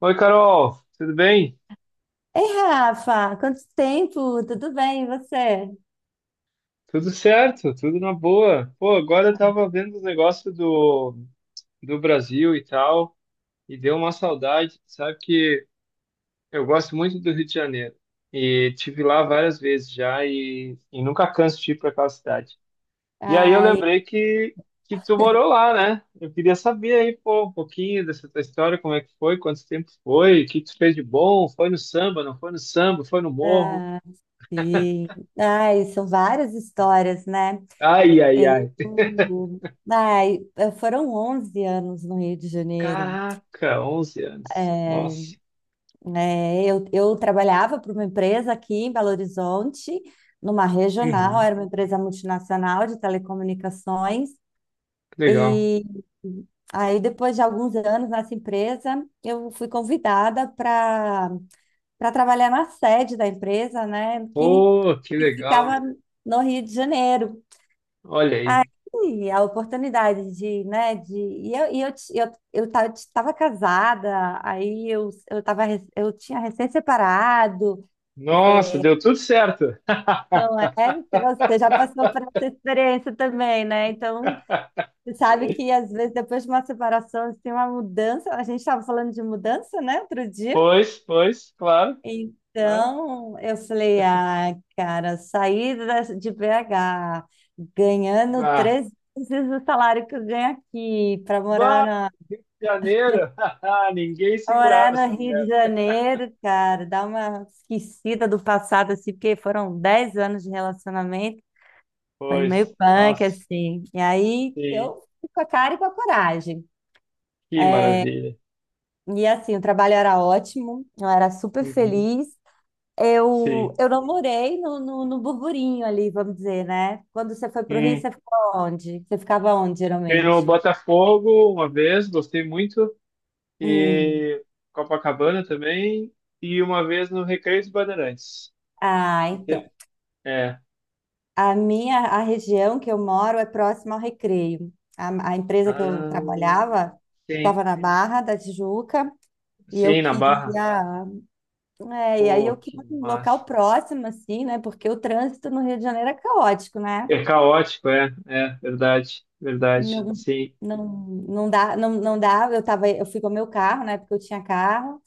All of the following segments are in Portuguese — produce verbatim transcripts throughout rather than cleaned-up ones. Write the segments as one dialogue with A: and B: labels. A: Oi, Carol, tudo bem?
B: Ei, Rafa, quanto tempo? Tudo bem, e você?
A: Tudo certo, tudo na boa. Pô, agora eu tava vendo os negócios do, do Brasil e tal, e deu uma saudade. Sabe que eu gosto muito do Rio de Janeiro, e tive lá várias vezes já, e, e nunca canso de ir para aquela cidade. E aí eu
B: Ai,
A: lembrei que, que tu morou lá, né? Eu queria saber aí, pô, um pouquinho dessa tua história, como é que foi, quanto tempo foi, o que tu fez de bom, foi no samba, não foi no samba, foi no morro.
B: sim. Ai, são várias histórias, né?
A: Ai, ai, ai.
B: Eu, ai, Foram onze anos no Rio de Janeiro.
A: Caraca, onze anos. Nossa.
B: É, eu, eu trabalhava para uma empresa aqui em Belo Horizonte, numa regional,
A: Uhum,
B: era uma empresa multinacional de telecomunicações.
A: que legal.
B: E aí, depois de alguns anos nessa empresa, eu fui convidada para para trabalhar na sede da empresa, né, que,
A: Oh, que
B: que ficava
A: legal.
B: no Rio de Janeiro.
A: Olha aí.
B: Aí a oportunidade de, né, de e eu e eu t- eu, eu tava, tava casada, aí eu eu tava re- eu tinha recém-separado. Eu
A: Nossa,
B: falei,
A: deu tudo certo.
B: não é? Você já passou por essa experiência também, né? Então, você sabe que às vezes depois de uma separação, assim, uma mudança, a gente estava falando de mudança, né, outro dia.
A: Pois, pois, claro, claro.
B: Então, eu falei, ah, cara, sair da- de B agá ganhando
A: Bah,
B: três vezes o salário que eu ganho aqui para morar
A: bah,
B: na,
A: Rio de Janeiro. Ninguém
B: pra morar
A: segurava essa
B: no Rio de
A: mulher.
B: Janeiro, cara, dar uma esquecida do passado, assim, porque foram dez anos de relacionamento, foi meio
A: Pois,
B: punk,
A: nossa,
B: assim. E aí
A: sim,
B: eu fui com a cara e com a coragem.
A: que maravilha.
B: E assim, o trabalho era ótimo, eu era super
A: Uhum,
B: feliz. Eu,
A: sim.
B: eu não morei no, no, no burburinho ali, vamos dizer, né? Quando você foi para o Rio,
A: Hum.
B: você ficou onde? Você ficava onde,
A: Fui no
B: geralmente?
A: Botafogo uma vez, gostei muito.
B: Hum.
A: E Copacabana também, e uma vez no Recreio dos Bandeirantes.
B: Ah,
A: E
B: então.
A: te- É.
B: A minha, a região que eu moro é próxima ao Recreio. A, a empresa que eu
A: Ah,
B: trabalhava
A: sim,
B: estava na Barra da Tijuca e eu
A: sim, na Barra.
B: queria... É, e aí
A: Pô,
B: eu
A: que
B: queria um local
A: massa.
B: próximo, assim, né? Porque o trânsito no Rio de Janeiro é caótico, né?
A: É caótico, é, é, verdade, verdade.
B: Não,
A: Sim,
B: não, não dá, não, não dá. Eu tava, eu fui com o meu carro, né? Porque eu tinha carro,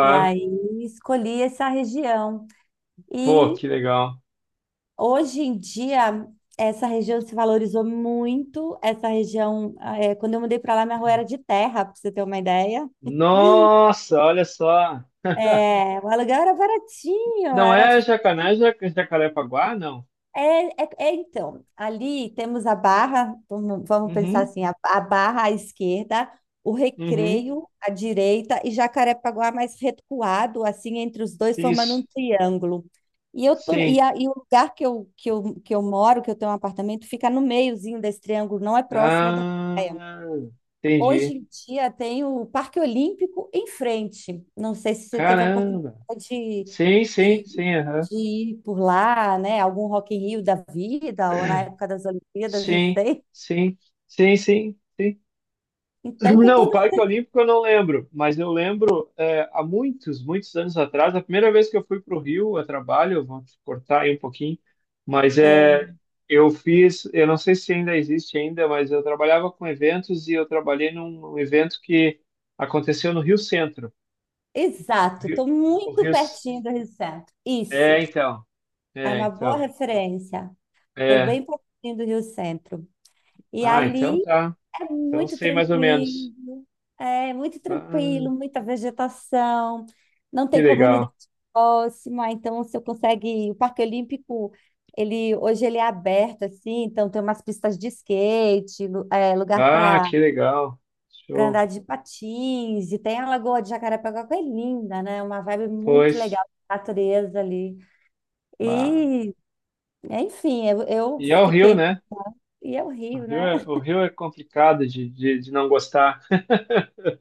B: e aí escolhi essa região.
A: Pô,
B: E
A: que legal.
B: hoje em dia essa região se valorizou muito. Essa região, é, quando eu mudei para lá, minha rua era de terra, para você ter uma ideia.
A: Nossa, olha só.
B: É, o aluguel era baratinho,
A: Não
B: era
A: é
B: tipo,
A: Jacané, é Jaca- Jacarepaguá, não.
B: É, é, é, então, ali temos a barra, vamos, vamos pensar
A: Uhum,
B: assim, a, a barra à esquerda, o
A: uhum,
B: Recreio à direita e Jacarepaguá mais recuado, assim, entre os dois, formando um
A: isso,
B: triângulo. E, eu tô, e,
A: sim.
B: a- e o lugar que eu, que eu, que eu moro, que eu tenho um apartamento, fica no meiozinho desse triângulo, não é próximo da praia.
A: Ah,
B: Hoje
A: entendi.
B: em dia tem o Parque Olímpico em frente. Não sei se você teve a oportunidade
A: Caramba.
B: de,
A: Sim,
B: de,
A: sim, sim, aham.
B: de ir por lá, né? Algum Rock in Rio da vida, ou na época das Olimpíadas, não
A: Sim,
B: sei.
A: sim, sim, sim, sim.
B: Então, com
A: Não, o
B: todo.
A: Parque Olímpico eu não lembro, mas eu lembro é, há muitos, muitos anos atrás, a primeira vez que eu fui para o Rio a trabalho, eu vou te cortar aí um pouquinho, mas
B: É.
A: é, eu fiz, eu não sei se ainda existe ainda, mas eu trabalhava com eventos e eu trabalhei num, num evento que aconteceu no Rio Centro. O
B: Exato,
A: Rio,
B: estou
A: o
B: muito
A: Rio,
B: pertinho do Rio Centro. Isso,
A: é, então,
B: é
A: é,
B: uma boa
A: então,
B: referência. Estou
A: é.
B: bem pertinho do Rio Centro. E
A: Ah, então
B: ali
A: tá,
B: é
A: então
B: muito
A: sei mais ou menos.
B: tranquilo. É muito tranquilo,
A: Ah,
B: muita vegetação, não tem
A: que
B: comunidade
A: legal.
B: próxima, então você consegue. O Parque Olímpico, ele hoje ele é aberto assim, então tem umas pistas de skate, lu- é, lugar
A: Ah,
B: para
A: que legal.
B: para
A: Show.
B: andar de patins, e tem a Lagoa de Jacarepaguá, que é linda, né? Uma vibe muito
A: Pois.
B: legal, natureza ali.
A: Bah.
B: E, enfim, eu, eu
A: E é o Rio,
B: fiquei
A: né?
B: e é o
A: O
B: Rio,
A: Rio
B: né?
A: é, o Rio é complicado de, de, de não gostar.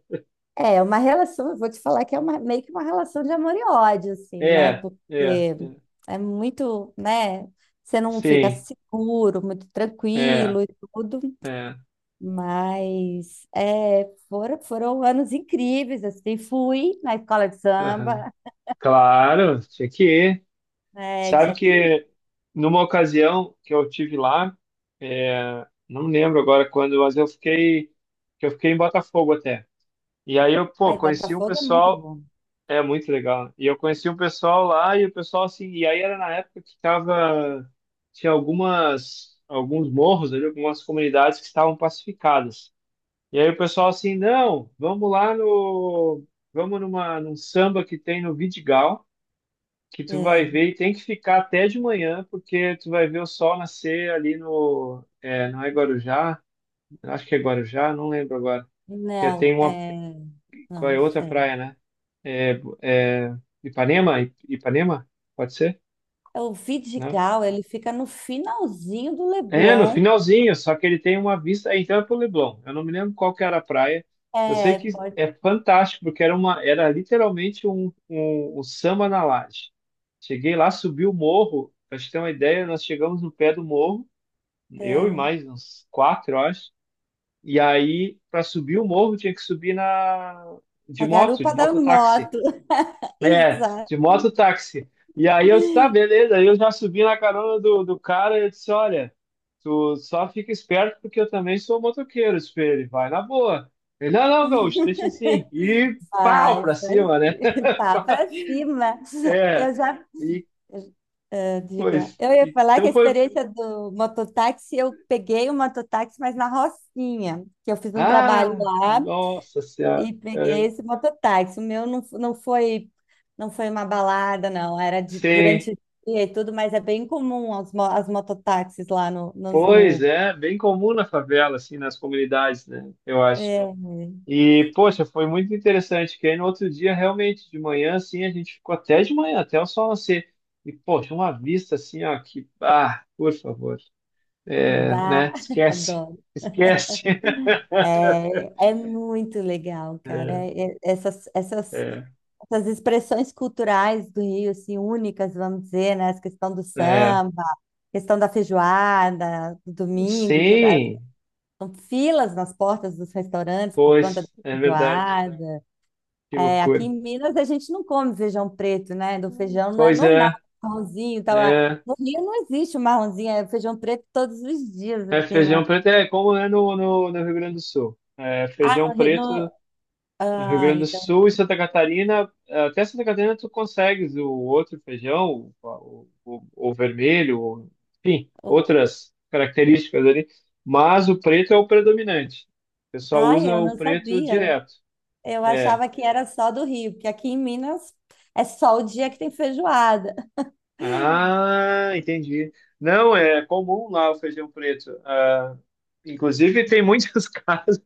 B: É é uma relação, eu vou te falar que é uma, meio que uma relação de amor e ódio, assim, né?
A: É,
B: Porque
A: é, é.
B: é muito, né? Você não fica
A: Sim,
B: seguro, muito
A: é,
B: tranquilo e tudo,
A: é.
B: mas é, foram, foram anos incríveis, assim, fui na escola de
A: Aham.
B: samba,
A: Claro, tinha que ir.
B: né?
A: Sabe
B: Tinha quinze,
A: que numa ocasião que eu tive lá, é, não lembro agora quando, mas eu fiquei, que eu fiquei em Botafogo até. E aí eu, pô,
B: ai,
A: conheci um
B: Botafogo é muito
A: pessoal.
B: bom.
A: É muito legal. E eu conheci um pessoal lá e o pessoal assim, e aí era na época que tava, tinha algumas, alguns morros ali, algumas comunidades que estavam pacificadas. E aí o pessoal assim, não, vamos lá no, vamos numa, num samba que tem no Vidigal, que tu vai
B: É,
A: ver e tem que ficar até de manhã, porque tu vai ver o sol nascer ali no, é, não é Guarujá, acho que é Guarujá, não lembro agora, que é- tem
B: não,
A: uma
B: é, não,
A: qual
B: não
A: é a outra
B: sei.
A: praia, né? É, é Ipanema? I- Ipanema? Pode ser?
B: É, o
A: Não?
B: Vidigal, ele fica no finalzinho do
A: É, no
B: Leblon,
A: finalzinho, só que ele tem uma vista. Então é pro Leblon. Eu não me lembro qual que era a praia. Eu sei
B: é,
A: que
B: pode
A: é fantástico, porque era uma, era literalmente um, um, um samba na laje. Cheguei lá, subi o morro. Pra gente ter uma ideia, nós chegamos no pé do morro, eu e
B: é,
A: mais uns quatro, eu acho. E aí, para subir o morro, tinha que subir na de
B: na
A: moto,
B: garupa
A: de
B: da
A: mototáxi.
B: moto.
A: É,
B: Exato.
A: de mototáxi. E aí eu disse, tá, beleza. Aí eu já subi na carona do, do cara e eu disse, olha, tu só fica esperto porque eu também sou motoqueiro, espelho, vai na boa. Ele, não, não, gaúcho, deixa assim. E pau
B: Vai,
A: pra
B: vai,
A: cima, né?
B: pá, pra cima.
A: É,
B: Eu já,
A: e
B: eh, diga,
A: pois,
B: eu ia falar que a
A: então foi.
B: experiência do mototáxi, eu peguei o mototáxi, mas na Rocinha, que eu fiz um trabalho
A: Ah,
B: lá
A: nossa senhora.
B: e peguei
A: É,
B: esse mototáxi. O meu não, f- não foi, não foi uma balada, não, era de,
A: sim,
B: durante o dia e tudo, mas é bem comum as, mo- as mototáxis lá no, nos
A: pois
B: M U.
A: é, bem comum na favela, assim, nas comunidades, né? Eu acho.
B: É,
A: E, poxa, foi muito interessante, que aí no outro dia, realmente, de manhã, assim, a gente ficou até de manhã, até o sol nascer. E, poxa, uma vista assim, ó, que, ah, por favor, é,
B: bah,
A: né, esquece,
B: adoro.
A: esquece.
B: É, é muito legal, cara.
A: É,
B: É- é- essas, essas,
A: é,
B: essas expressões culturais do Rio, assim, únicas, vamos dizer, né? Essa questão do
A: é.
B: samba, questão da feijoada, do domingo, que ah,
A: Sim,
B: são filas nas portas dos restaurantes por conta da
A: pois, é verdade,
B: feijoada.
A: que
B: É, aqui em
A: loucura.
B: Minas a gente não come feijão preto, né? Do feijão não é
A: Pois
B: normal,
A: é,
B: marronzinho, tá lá.
A: é,
B: No Rio não existe o marronzinho, é feijão preto todos os dias,
A: é
B: assim, né?
A: feijão preto, é como é no, no, no, Rio Grande do Sul. É,
B: Ah,
A: feijão
B: no Rio, no...
A: preto. No Rio
B: Ah,
A: Grande do
B: então.
A: Sul e Santa Catarina, até Santa Catarina tu consegues o outro feijão, o, o, o vermelho, o- enfim, outras características ali, mas o preto é o predominante. O pessoal
B: Ai,
A: usa
B: eu
A: o
B: não
A: preto
B: sabia.
A: direto.
B: Eu
A: É,
B: achava que era só do Rio, porque aqui em Minas é só o dia que tem feijoada.
A: ah, entendi. Não, é comum lá o feijão preto. Ah, inclusive, tem muitos casos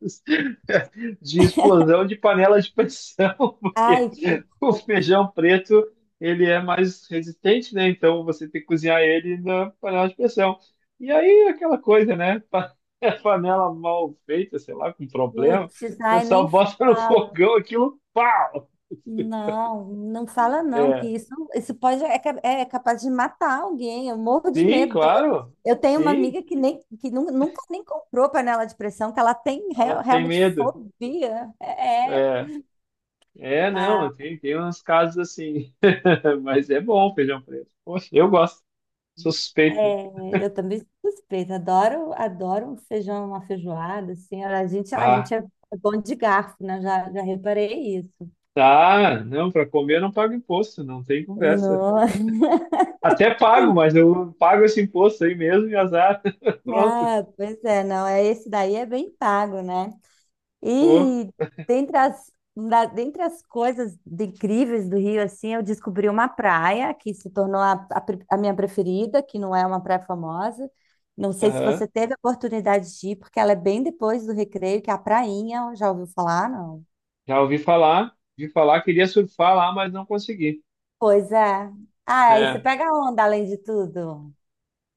A: de explosão de panela de pressão, porque
B: Ai, que
A: o
B: horror.
A: feijão preto ele é mais resistente, né? Então você tem que cozinhar ele na panela de pressão. E aí aquela coisa, né? Pa- Panela mal feita, sei lá, com problema.
B: Putz,
A: O
B: ai, nem
A: pessoal bota no
B: fala.
A: fogão aquilo, pau!
B: Não, não fala não, porque
A: É,
B: isso, isso pode, é, ca- é capaz de matar alguém. Eu morro de
A: sim,
B: medo.
A: claro,
B: Eu tenho uma
A: sim.
B: amiga que, nem, que nu- nunca nem comprou panela de pressão, que ela tem
A: Ela
B: real-
A: tem
B: realmente
A: medo.
B: fobia. É, é.
A: É, é,
B: Mas
A: não, tem, tem uns casos assim, mas é bom o feijão preto. Poxa, eu gosto, sou suspeito.
B: é, eu também sou suspeita, adoro, adoro um feijão, uma feijoada, assim, a gente, a gente
A: Ah,
B: é é bom de garfo, né? Já, já reparei isso.
A: tá, não, para comer eu não pago imposto, não tem conversa.
B: Não.
A: Até pago, mas eu pago esse imposto aí mesmo e azar. Pronto.
B: Ah, pois é, não, é esse daí é bem pago, né?
A: Pô,
B: E dentre as, da- dentre as coisas de- incríveis do Rio, assim, eu descobri uma praia que se tornou a, a pre- a minha preferida, que não é uma praia famosa. Não sei se
A: aham.
B: você teve a oportunidade de ir, porque ela é bem depois do Recreio, que é a Prainha, já ouviu falar, não?
A: Já ouvi falar, ouvi falar, queria surfar lá, mas não consegui.
B: Pois é. Ah, isso
A: É,
B: pega onda além de tudo.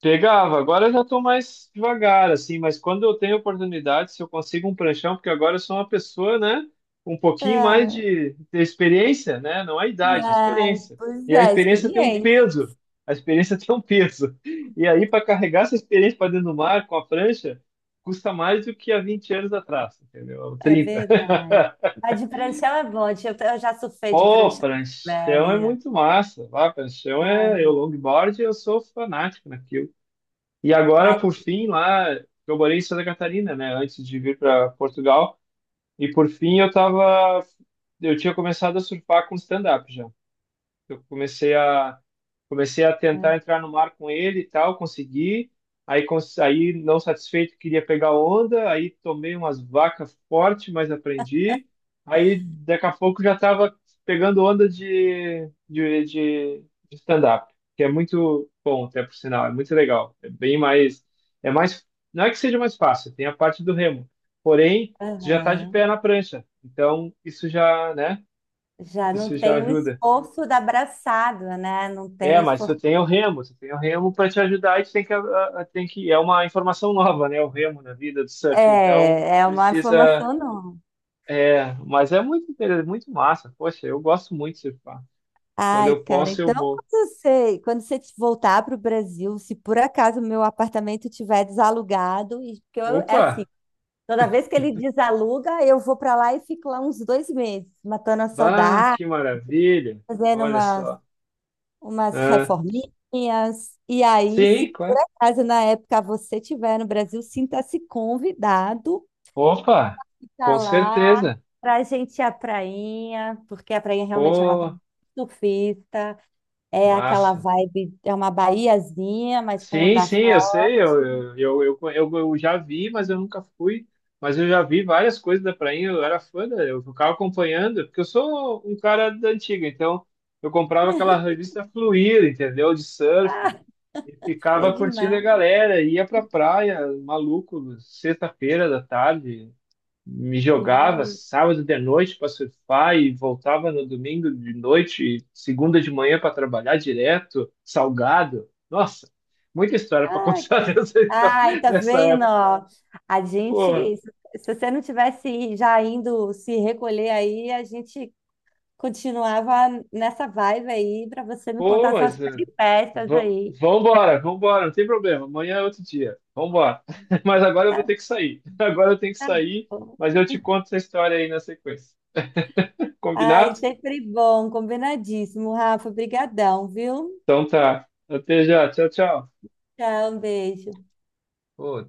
A: pegava, agora eu já estou mais devagar, assim, mas quando eu tenho oportunidade, se eu consigo um pranchão, porque agora eu sou uma pessoa, né, com um pouquinho mais
B: Ah,
A: de, de experiência, né, não a idade, a
B: ai,
A: experiência.
B: pois
A: E a
B: é,
A: experiência tem um
B: experiência.
A: peso, a experiência tem um peso. E aí, para carregar essa experiência para dentro do mar com a prancha, custa mais do que há vinte anos atrás, entendeu? Ou
B: É
A: trinta.
B: verdade. Mas de pranchão é bom. Eu, eu já surfei de
A: Pô,
B: pranchão
A: pranchão é
B: velha.
A: muito massa, lá pranchão é, eu
B: Ai,
A: longboard, eu sou fanático naquilo. E
B: ai,
A: agora, por fim, lá, eu morei em Santa Catarina, né, antes de vir para Portugal. E por fim, eu tava, eu tinha começado a surfar com stand-up já. Eu comecei a comecei a tentar entrar no mar com ele e tal, consegui. Aí, cons- aí não satisfeito, queria pegar onda, aí tomei umas vacas fortes, mas aprendi. Aí daqui a pouco já estava pegando onda de, de, de, de, stand-up, que é muito bom, até por sinal, é muito legal. É bem mais, é mais, não é que seja mais fácil, tem a parte do remo. Porém, você já está de
B: aham.
A: pé na prancha, então isso já, né?
B: Já não
A: Isso já
B: tem o
A: ajuda.
B: esforço da abraçada, né? Não tem o
A: É, mas você
B: esforço.
A: tem o Remo, você tem o Remo para te ajudar e você tem que, a- a- tem que. É uma informação nova, né? O Remo na vida do surf. Então,
B: É, é uma
A: precisa.
B: informação não.
A: É, mas é muito interessante, muito massa. Poxa, eu gosto muito de surfar. Quando
B: Ai,
A: eu
B: cara,
A: posso, eu
B: então
A: vou.
B: quando você, quando você te- voltar para o Brasil, se por acaso meu apartamento tiver desalugado, e porque eu, é
A: Opa!
B: assim, toda vez que ele desaluga, eu vou para lá e fico lá uns dois meses, matando a
A: Bah,
B: saudade,
A: que maravilha!
B: fazendo
A: Olha
B: umas,
A: só.
B: umas
A: Ah,
B: reforminhas. E aí, se
A: sim,
B: por
A: claro.
B: acaso na época você estiver no Brasil, sinta-se convidado
A: Opa!
B: para
A: Com
B: lá,
A: certeza.
B: para a gente ir à prainha, porque a prainha realmente é uma praia
A: Pô,
B: surfista, é aquela
A: massa.
B: vibe, é uma baiazinha, mas com
A: Sim,
B: onda
A: sim, eu sei,
B: forte.
A: eu, eu, eu, eu, eu já vi, mas eu nunca fui. Mas eu já vi várias coisas da prainha, eu era fã, da- eu ficava acompanhando, porque eu sou um cara da antiga, então eu comprava aquela revista Fluir, entendeu? De surf,
B: Ah,
A: e
B: sei
A: ficava curtindo
B: demais.
A: a galera, ia pra praia, maluco, sexta-feira da tarde, me jogava
B: Ai.
A: sábado de noite para surfar e voltava no domingo de noite, e segunda de manhã para trabalhar direto, salgado. Nossa, muita história para
B: Ai,
A: contar
B: que...
A: dessa, histó-
B: Ai, tá
A: dessa
B: vendo?
A: época.
B: Ó? A gente,
A: Pô,
B: se se você não tivesse já indo se recolher aí, a gente continuava nessa vibe aí para você me
A: pô,
B: contar suas
A: mas eh,
B: peripécias
A: va-
B: aí.
A: vambora, vambora, não tem problema. Amanhã é outro dia. Vambora. Mas agora eu vou ter que sair. Agora eu tenho que
B: Tá
A: sair,
B: bom.
A: mas eu te conto essa história aí na sequência.
B: Ai,
A: Combinado?
B: sempre bom, combinadíssimo, Rafa, brigadão, viu?
A: Então tá. Até já. Tchau, tchau.
B: Tchau, um beijo.
A: Pô,